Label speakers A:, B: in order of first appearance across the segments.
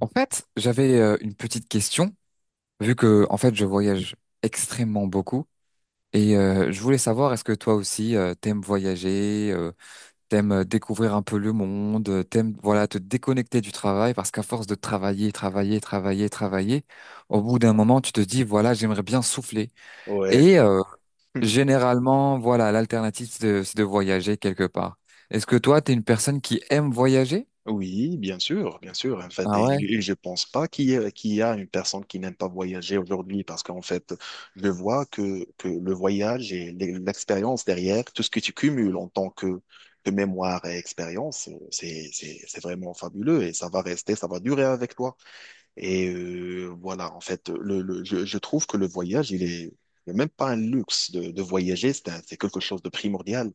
A: En fait, j'avais une petite question, vu que en fait je voyage extrêmement beaucoup et je voulais savoir est-ce que toi aussi t'aimes voyager, t'aimes découvrir un peu le monde, t'aimes voilà te déconnecter du travail parce qu'à force de travailler, travailler, travailler, travailler, au bout d'un moment tu te dis voilà j'aimerais bien souffler
B: Ouais,
A: et
B: ouais.
A: généralement voilà l'alternative c'est de voyager quelque part. Est-ce que toi t'es une personne qui aime voyager?
B: Oui, bien sûr, bien sûr. En fait,
A: Ah
B: et,
A: ouais,
B: et je pense pas qu'il y a, qu'il y a une personne qui n'aime pas voyager aujourd'hui parce qu'en fait, je vois que le voyage et l'expérience derrière, tout ce que tu cumules en tant que mémoire et expérience, c'est vraiment fabuleux et ça va rester, ça va durer avec toi. Voilà, en fait, je trouve que le voyage, il est il y même pas un luxe de voyager, c'est quelque chose de primordial.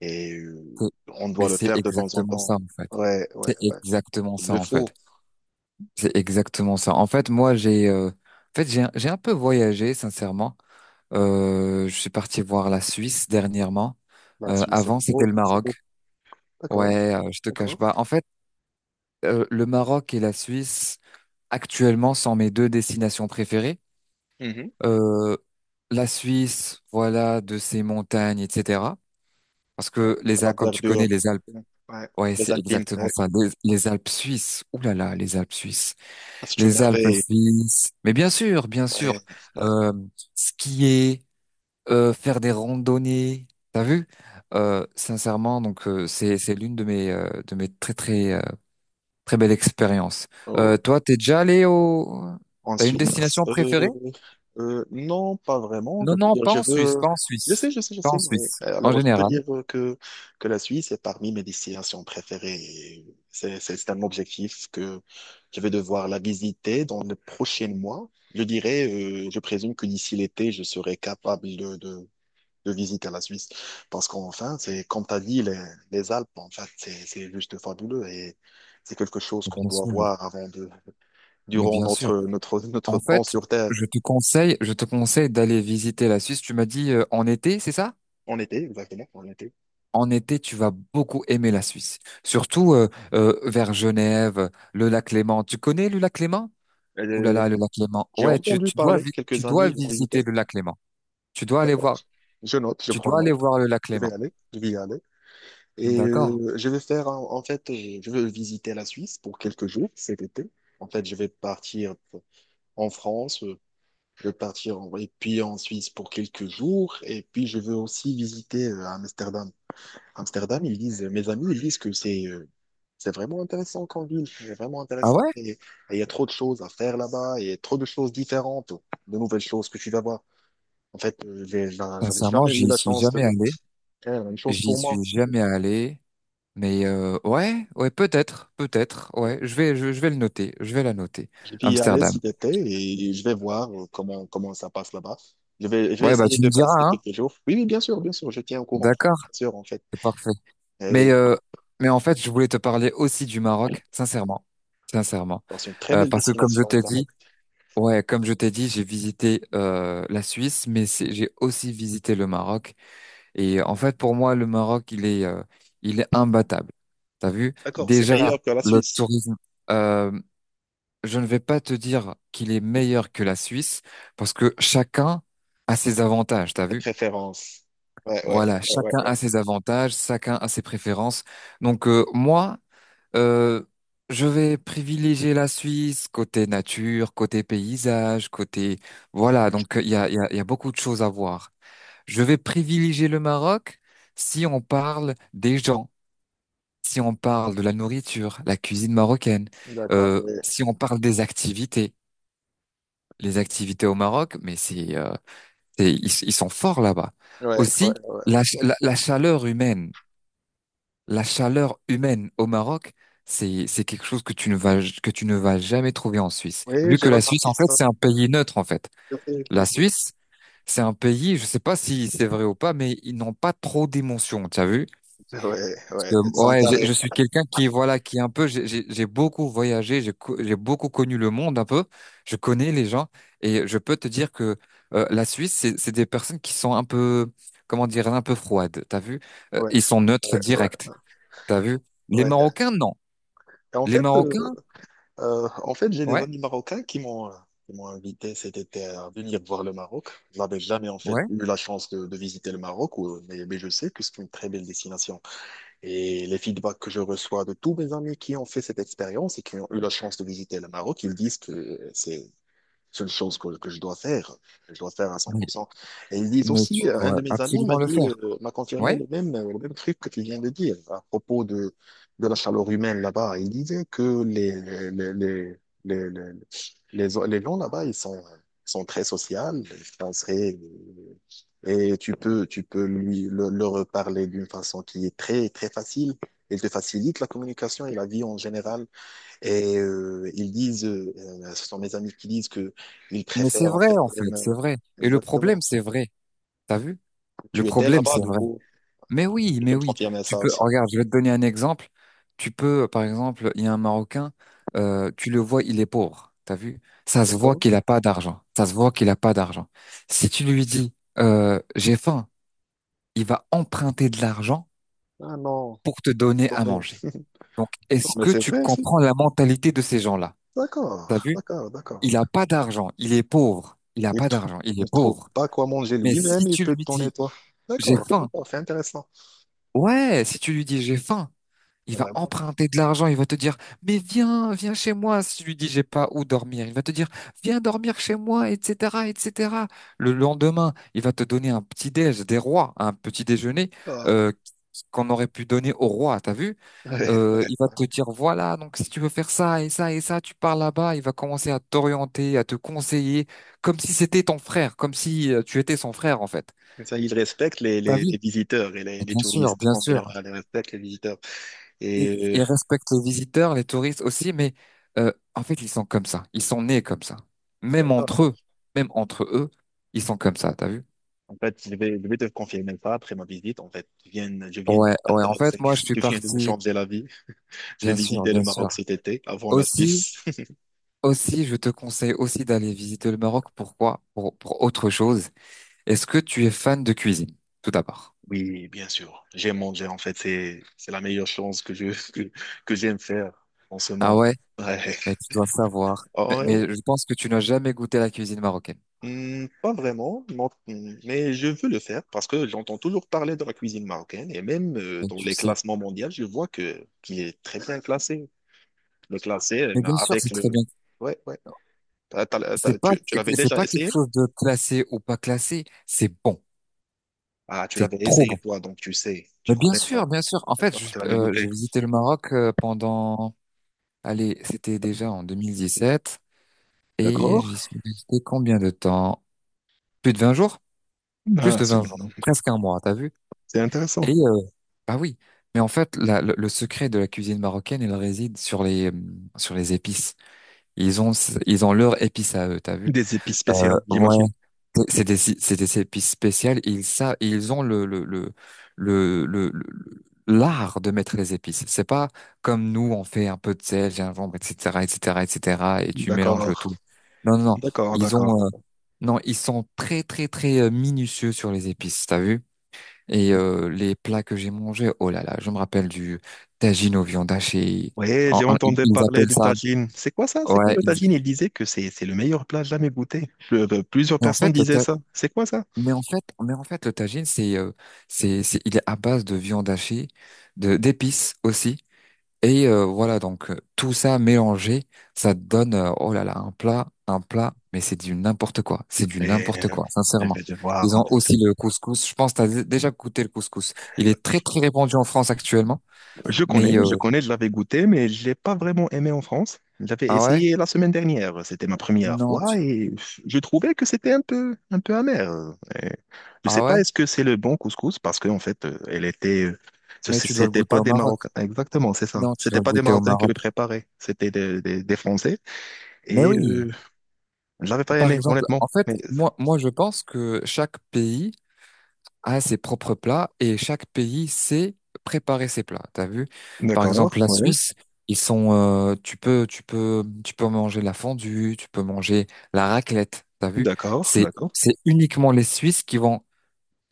B: Et euh,
A: c'est-
B: on doit
A: mais
B: le
A: c'est
B: faire de temps en
A: exactement
B: temps.
A: ça en fait.
B: Ouais, ouais,
A: C'est
B: ouais.
A: exactement
B: Il
A: ça
B: le
A: en fait.
B: faut.
A: C'est exactement ça. En fait, moi j'ai en fait j'ai un peu voyagé sincèrement. Je suis parti voir la Suisse dernièrement.
B: La Suisse,
A: Avant
B: c'est
A: c'était
B: beau,
A: le
B: c'est
A: Maroc.
B: beau. D'accord,
A: Ouais, je te cache
B: d'accord.
A: pas. En fait, le Maroc et la Suisse actuellement sont mes deux destinations préférées.
B: Mhm.
A: Euh, la Suisse, voilà, de ses montagnes, etc. Parce
B: Ouais,
A: que
B: à
A: les
B: la
A: Alpes, comme tu connais
B: verdure.
A: les Alpes,
B: Ouais.
A: ouais,
B: Les
A: c'est
B: Alpines,
A: exactement
B: ouais.
A: ça. Les Alpes suisses. Ouh là là, les Alpes suisses.
B: Ah, c'est une
A: Les Alpes
B: merveille.
A: suisses. Mais bien sûr, bien sûr.
B: Ouais, ouais.
A: Euh, Skier, faire des randonnées. T'as vu? Sincèrement, c'est l'une de mes, de mes très très très belles expériences.
B: Oh.
A: Toi, t'es déjà allé au T'as une
B: Ensuite,
A: destination préférée?
B: euh, non, pas vraiment. Je
A: Non,
B: peux
A: non,
B: dire,
A: pas
B: je
A: en Suisse,
B: veux.
A: pas en
B: Je sais,
A: Suisse,
B: je sais, je
A: pas en
B: sais. Mais,
A: Suisse. En
B: alors, je peux
A: général.
B: dire que la Suisse est parmi mes destinations préférées. Et c'est, c'est un objectif que je vais devoir la visiter dans les prochains mois. Je dirais, je présume que d'ici l'été, je serai capable de visiter la Suisse. Parce qu'enfin, c'est, comme tu as dit, les Alpes, en fait, c'est juste fabuleux et c'est quelque chose
A: Mais
B: qu'on
A: bien
B: doit
A: sûr,
B: voir avant de,
A: mais
B: durant
A: bien sûr.
B: notre
A: En
B: temps
A: fait,
B: sur Terre.
A: je te conseille d'aller visiter la Suisse. Tu m'as dit en été, c'est ça?
B: En été, exactement, en été.
A: En été, tu vas beaucoup aimer la Suisse, surtout vers Genève, le lac Léman. Tu connais le lac Léman? Ouh là
B: Euh,
A: là, le lac Léman.
B: j'ai
A: Ouais,
B: entendu parler,
A: tu
B: quelques
A: dois
B: amis l'ont invité.
A: visiter le lac Léman. Tu dois aller
B: D'accord.
A: voir,
B: Je note, je
A: tu
B: prends
A: dois aller
B: note.
A: voir le lac Léman.
B: Je vais y aller.
A: D'accord.
B: Je vais faire, en fait, je vais visiter la Suisse pour quelques jours cet été. En fait, je vais partir en France, je vais partir en, et puis en Suisse pour quelques jours. Et puis, je veux aussi visiter Amsterdam. Amsterdam, ils disent, mes amis, ils disent que c'est vraiment intéressant comme ville, c'est vraiment
A: Ah
B: intéressant
A: ouais?
B: et il y a trop de choses à faire là-bas et trop de choses différentes, de nouvelles choses que tu vas voir. En fait, j'avais
A: Sincèrement,
B: jamais eu
A: j'y
B: la
A: suis
B: chance de
A: jamais allé.
B: faire la même chose
A: J'y
B: pour
A: suis
B: moi.
A: jamais allé. Mais ouais, ouais, peut-être, peut-être. Ouais,
B: Ouais.
A: je vais le noter. Je vais la noter.
B: Je vais y aller
A: Amsterdam.
B: cet été et je vais voir comment, comment ça passe là-bas. Je vais
A: Ouais, bah
B: essayer
A: tu
B: de
A: me diras,
B: passer
A: hein.
B: quelques jours. Oui, oui, bien sûr, je tiens au courant.
A: D'accord.
B: Bien sûr, en fait.
A: C'est parfait. Mais,
B: Et,
A: euh, mais en fait, je voulais te parler aussi du Maroc, sincèrement, sincèrement.
B: alors, c'est une très belle
A: Parce que comme je
B: destination, le
A: t'ai
B: Maroc.
A: dit, ouais, comme je t'ai dit, j'ai visité la Suisse, mais j'ai aussi visité le Maroc. Et en fait, pour moi, le Maroc, il est imbattable. T'as vu?
B: D'accord, c'est
A: Déjà,
B: meilleur que la
A: le
B: Suisse,
A: tourisme, euh, je ne vais pas te dire qu'il est meilleur que la Suisse, parce que chacun a ses avantages. T'as
B: tes
A: vu?
B: préférences. Ouais, ouais,
A: Voilà,
B: ouais, ouais,
A: chacun
B: ouais.
A: a ses avantages, chacun a ses préférences. Moi. Euh, je vais privilégier la Suisse côté nature, côté paysage, côté... Voilà, il y a, il y a, il y a beaucoup de choses à voir. Je vais privilégier le Maroc si on parle des gens, si on parle de la nourriture, la cuisine marocaine,
B: D'accord, ouais,
A: si on parle des activités. Les activités au Maroc, mais ils sont forts là-bas.
B: ouais, ouais,
A: Aussi,
B: ouais.
A: la chaleur humaine. La chaleur humaine au Maroc, c'est quelque chose que tu ne vas que tu ne vas jamais trouver en Suisse.
B: Oui,
A: Vu
B: j'ai
A: que la Suisse,
B: remarqué
A: en fait,
B: ça.
A: c'est un pays neutre, en fait.
B: Je sais, je
A: La
B: sais.
A: Suisse, c'est un pays, je sais pas si c'est vrai ou pas, mais ils n'ont pas trop d'émotions, tu as vu?
B: Ouais,
A: Parce
B: ouais, ils
A: que,
B: sont
A: ouais,
B: carrés.
A: je suis quelqu'un qui, voilà, qui est un peu, j'ai beaucoup voyagé, j'ai beaucoup connu le monde un peu, je connais les gens, et je peux te dire que la Suisse, c'est des personnes qui sont un peu, comment dire, un peu froides, t'as vu?
B: Ouais,
A: Ils sont neutres
B: ouais, ouais,
A: directs. T'as vu? Les
B: ouais.
A: Marocains, non.
B: Et
A: Les Marocains,
B: en fait, j'ai des
A: ouais,
B: amis marocains qui m'ont invité cet été à venir voir le Maroc. Je n'avais jamais en fait
A: ouais,
B: eu la chance de visiter le Maroc, mais je sais que c'est une très belle destination. Et les feedbacks que je reçois de tous mes amis qui ont fait cette expérience et qui ont eu la chance de visiter le Maroc, ils disent que c'est seule chose que je dois faire, que je dois faire à
A: mais,
B: 100%. Et ils disent
A: mais
B: aussi,
A: tu
B: un de
A: dois
B: mes amis m'a
A: absolument le
B: dit,
A: faire.
B: m'a confirmé
A: Ouais,
B: le même truc que tu viens de dire à propos de la chaleur humaine là-bas. Il disait que les, les, les, les, les gens là-bas, sont très sociaux, sont très- et tu peux leur parler d'une façon qui est très, très facile. Il te facilite la communication et la vie en général et ils disent, ce sont mes amis qui disent que ils
A: mais c'est
B: préfèrent en
A: vrai,
B: fait
A: en fait,
B: M.
A: c'est vrai. Et le problème,
B: Exactement.
A: c'est vrai. T'as vu? Le
B: Tu étais
A: problème,
B: là-bas,
A: c'est
B: du
A: vrai.
B: coup,
A: Mais oui,
B: tu peux
A: mais
B: me
A: oui.
B: confirmer
A: Tu
B: ça
A: peux,
B: aussi.
A: regarde, je vais te donner un exemple. Tu peux, par exemple, il y a un Marocain, tu le vois, il est pauvre. T'as vu? Ça se voit
B: D'accord?
A: qu'il n'a pas d'argent. Ça se voit qu'il n'a pas d'argent. Si tu lui dis, j'ai faim, il va emprunter de l'argent
B: Ah non,
A: pour te donner
B: dans
A: à
B: les-
A: manger. Donc,
B: non,
A: est-ce
B: mais
A: que
B: c'est
A: tu
B: vrai, si.
A: comprends la mentalité de ces gens-là? T'as
B: D'accord,
A: vu?
B: d'accord, d'accord,
A: Il a
B: d'accord.
A: pas d'argent, il est pauvre. Il a
B: Il
A: pas
B: trouve,
A: d'argent, il est
B: il trouve
A: pauvre.
B: pas quoi manger
A: Mais
B: lui-même,
A: si
B: il
A: tu
B: peut te
A: lui
B: donner
A: dis,
B: toi.
A: j'ai
B: D'accord,
A: faim,
B: d'accord, c'est intéressant.
A: ouais, si tu lui dis, j'ai faim, il va
B: Vraiment.
A: emprunter de l'argent, il va te dire, mais viens, viens chez moi. Si tu lui dis, j'ai pas où dormir, il va te dire, viens dormir chez moi, etc., etc. Le lendemain, il va te donner un petit déj, des rois, un petit déjeuner,
B: D'accord.
A: euh, qu'on aurait pu donner au roi, t'as vu?
B: Ouais, ouais,
A: Il va
B: ouais.
A: te dire, voilà, donc si tu veux faire ça et ça et ça, tu pars là-bas, il va commencer à t'orienter, à te conseiller, comme si c'était ton frère, comme si tu étais son frère, en fait.
B: Comme ça, il respecte
A: T'as vu?
B: les visiteurs et les
A: Bien sûr,
B: touristes.
A: bien
B: En
A: sûr.
B: général, il respecte les visiteurs.
A: Ils,
B: Et euh,
A: ils respectent les visiteurs, les touristes aussi, mais en fait, ils sont comme ça. Ils sont nés comme ça. Même entre
B: d'accord.
A: eux, même entre eux, ils sont comme ça, t'as vu?
B: En fait, je vais te confirmer ça après ma visite. En fait, je viens
A: Ouais,
B: d'être
A: ouais, en fait,
B: intéressé.
A: moi, je suis
B: Je viens de me
A: parti,
B: changer la vie. Je vais
A: bien sûr,
B: visiter le
A: bien sûr.
B: Maroc cet été avant la
A: Aussi,
B: Suisse.
A: aussi, je te conseille aussi d'aller visiter le Maroc. Pourquoi? Pour autre chose. Est-ce que tu es fan de cuisine, tout d'abord?
B: Oui, bien sûr. J'aime manger. En fait, c'est la meilleure chose que je, que, que j'aime faire en ce
A: Ah
B: moment.
A: ouais?
B: Ouais.
A: Mais tu dois savoir.
B: Oh, ouais,
A: Mais je pense que tu n'as jamais goûté la cuisine marocaine.
B: hmm, pas vraiment, non, hmm, mais je veux le faire parce que j'entends toujours parler de la cuisine marocaine et même
A: Mais
B: dans
A: tu
B: les
A: sais.
B: classements mondiaux, je vois que qu'il est très bien classé. Le classé
A: Mais bien sûr,
B: avec
A: c'est très
B: le.
A: bien.
B: Ouais, ouais.
A: C'est pas,
B: Tu tu l'avais
A: c'est
B: déjà
A: pas quelque
B: essayé?
A: chose de classé ou pas classé. C'est bon.
B: Ah, tu
A: C'est
B: l'avais
A: trop bon.
B: essayé toi, donc tu sais,
A: Mais
B: tu
A: bien
B: connais
A: sûr,
B: ça.
A: bien sûr. En fait,
B: D'accord, tu l'avais
A: j'ai
B: goûté.
A: visité le Maroc pendant, allez, c'était déjà en 2017 et
B: D'accord.
A: j'y suis resté combien de temps? Plus de 20 jours? Plus
B: Ah,
A: de 20 jours, presque un mois, t'as vu?
B: c'est
A: Et
B: intéressant.
A: bah oui, mais en fait, le secret de la cuisine marocaine, il réside sur les épices. Ils ont ils ont leurs épices à eux, t'as vu?
B: Des épices spéciales,
A: Ouais,
B: j'imagine.
A: c'est c'est des épices spéciales. Ils ça ils ont l'art de mettre les épices. C'est pas comme nous, on fait un peu de sel, gingembre, etc., etc., etc. Et cetera, et tu mélanges le
B: D'accord,
A: tout. Non, non, non.
B: d'accord,
A: Ils
B: d'accord,
A: ont
B: d'accord.
A: non, ils sont très très très minutieux sur les épices, t'as vu? Et les plats que j'ai mangés, oh là là, je me rappelle du tagine aux viandes hachées
B: Ouais, j'ai entendu
A: Ils
B: parler
A: appellent
B: du
A: ça.
B: tagine. C'est quoi ça? C'est quoi
A: Ouais.
B: le tagine? Il disait que c'est le meilleur plat jamais goûté. Plusieurs
A: Mais en
B: personnes
A: fait, le
B: disaient
A: ta-
B: ça. C'est quoi ça?
A: mais en fait, le tagine, c'est, il est à base de viande hachée, de d'épices aussi. Et voilà, tout ça mélangé, ça donne, oh là là, un plat, un plat. Mais c'est du n'importe quoi. C'est du
B: Mais
A: n'importe
B: euh,
A: quoi,
B: je vais
A: sincèrement.
B: devoir
A: Ils
B: en
A: ont
B: fait.
A: aussi le couscous. Je pense que déjà goûté le couscous. Il est très très répandu en France actuellement.
B: Je connais,
A: Mais
B: je connais, je l'avais goûté, mais je l'ai pas vraiment aimé en France. J'avais
A: ah ouais?
B: essayé la semaine dernière, c'était ma première
A: Non,
B: fois
A: tu-
B: et je trouvais que c'était un peu amer. Et je sais
A: ah ouais?
B: pas, est-ce que c'est le bon couscous parce qu'en fait, elle était,
A: Mais tu dois le
B: c'était
A: goûter
B: pas
A: au
B: des
A: Maroc.
B: Marocains, exactement, c'est ça.
A: Non, tu
B: C'était
A: dois le
B: pas des
A: goûter au
B: Marocains qui
A: Maroc.
B: le préparaient, c'était des Français
A: Mais
B: et
A: oui.
B: je l'avais pas
A: Par
B: aimé,
A: exemple,
B: honnêtement.
A: en fait,
B: Mais
A: moi, je pense que chaque pays a ses propres plats et chaque pays sait préparer ses plats. T'as vu? Par exemple,
B: d'accord,
A: la
B: ouais,
A: Suisse, ils sont, tu peux manger la fondue, tu peux manger la raclette. T'as vu?
B: d'accord,
A: C'est,
B: d'accord.
A: c'est uniquement les Suisses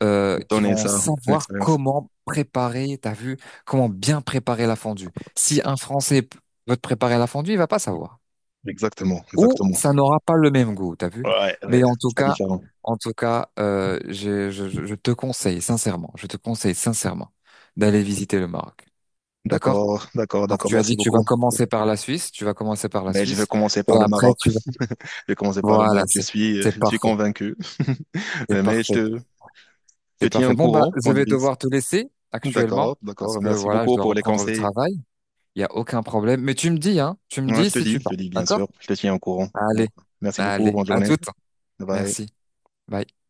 A: qui
B: Donner
A: vont
B: ça, c'est une
A: savoir
B: expérience.
A: comment préparer, t'as vu, comment bien préparer la fondue. Si un Français veut te préparer la fondue, il va pas savoir.
B: Exactement,
A: Ou
B: exactement.
A: ça n'aura pas le même goût, t'as vu.
B: Ouais, ouais,
A: Mais
B: c'est pas différent.
A: en tout cas, je te conseille sincèrement, je te conseille sincèrement d'aller visiter le Maroc. D'accord?
B: D'accord, d'accord,
A: Donc
B: d'accord.
A: tu as
B: Merci
A: dit tu vas
B: beaucoup.
A: commencer par la Suisse, tu vas commencer par la
B: Mais je vais
A: Suisse,
B: commencer
A: et
B: par le
A: après
B: Maroc.
A: tu vas...
B: Je vais commencer par le
A: Voilà,
B: Maroc.
A: c'est
B: Je suis
A: parfait.
B: convaincu.
A: C'est
B: Mais
A: parfait.
B: je te
A: C'est
B: tiens
A: parfait.
B: au
A: Bon, bah,
B: courant
A: je
B: qu'on
A: vais
B: divise.
A: devoir te laisser actuellement
B: D'accord,
A: parce
B: d'accord.
A: que
B: Merci
A: voilà, je
B: beaucoup
A: dois
B: pour les
A: reprendre le
B: conseils.
A: travail. Il n'y a aucun problème. Mais tu me dis, hein, tu me
B: Ouais,
A: dis si tu
B: je te
A: pars.
B: dis, bien sûr.
A: D'accord?
B: Je te tiens au courant. Donc,
A: Allez,
B: merci beaucoup.
A: allez,
B: Bonne
A: à
B: journée.
A: toutes.
B: Bye.
A: Merci. Bye.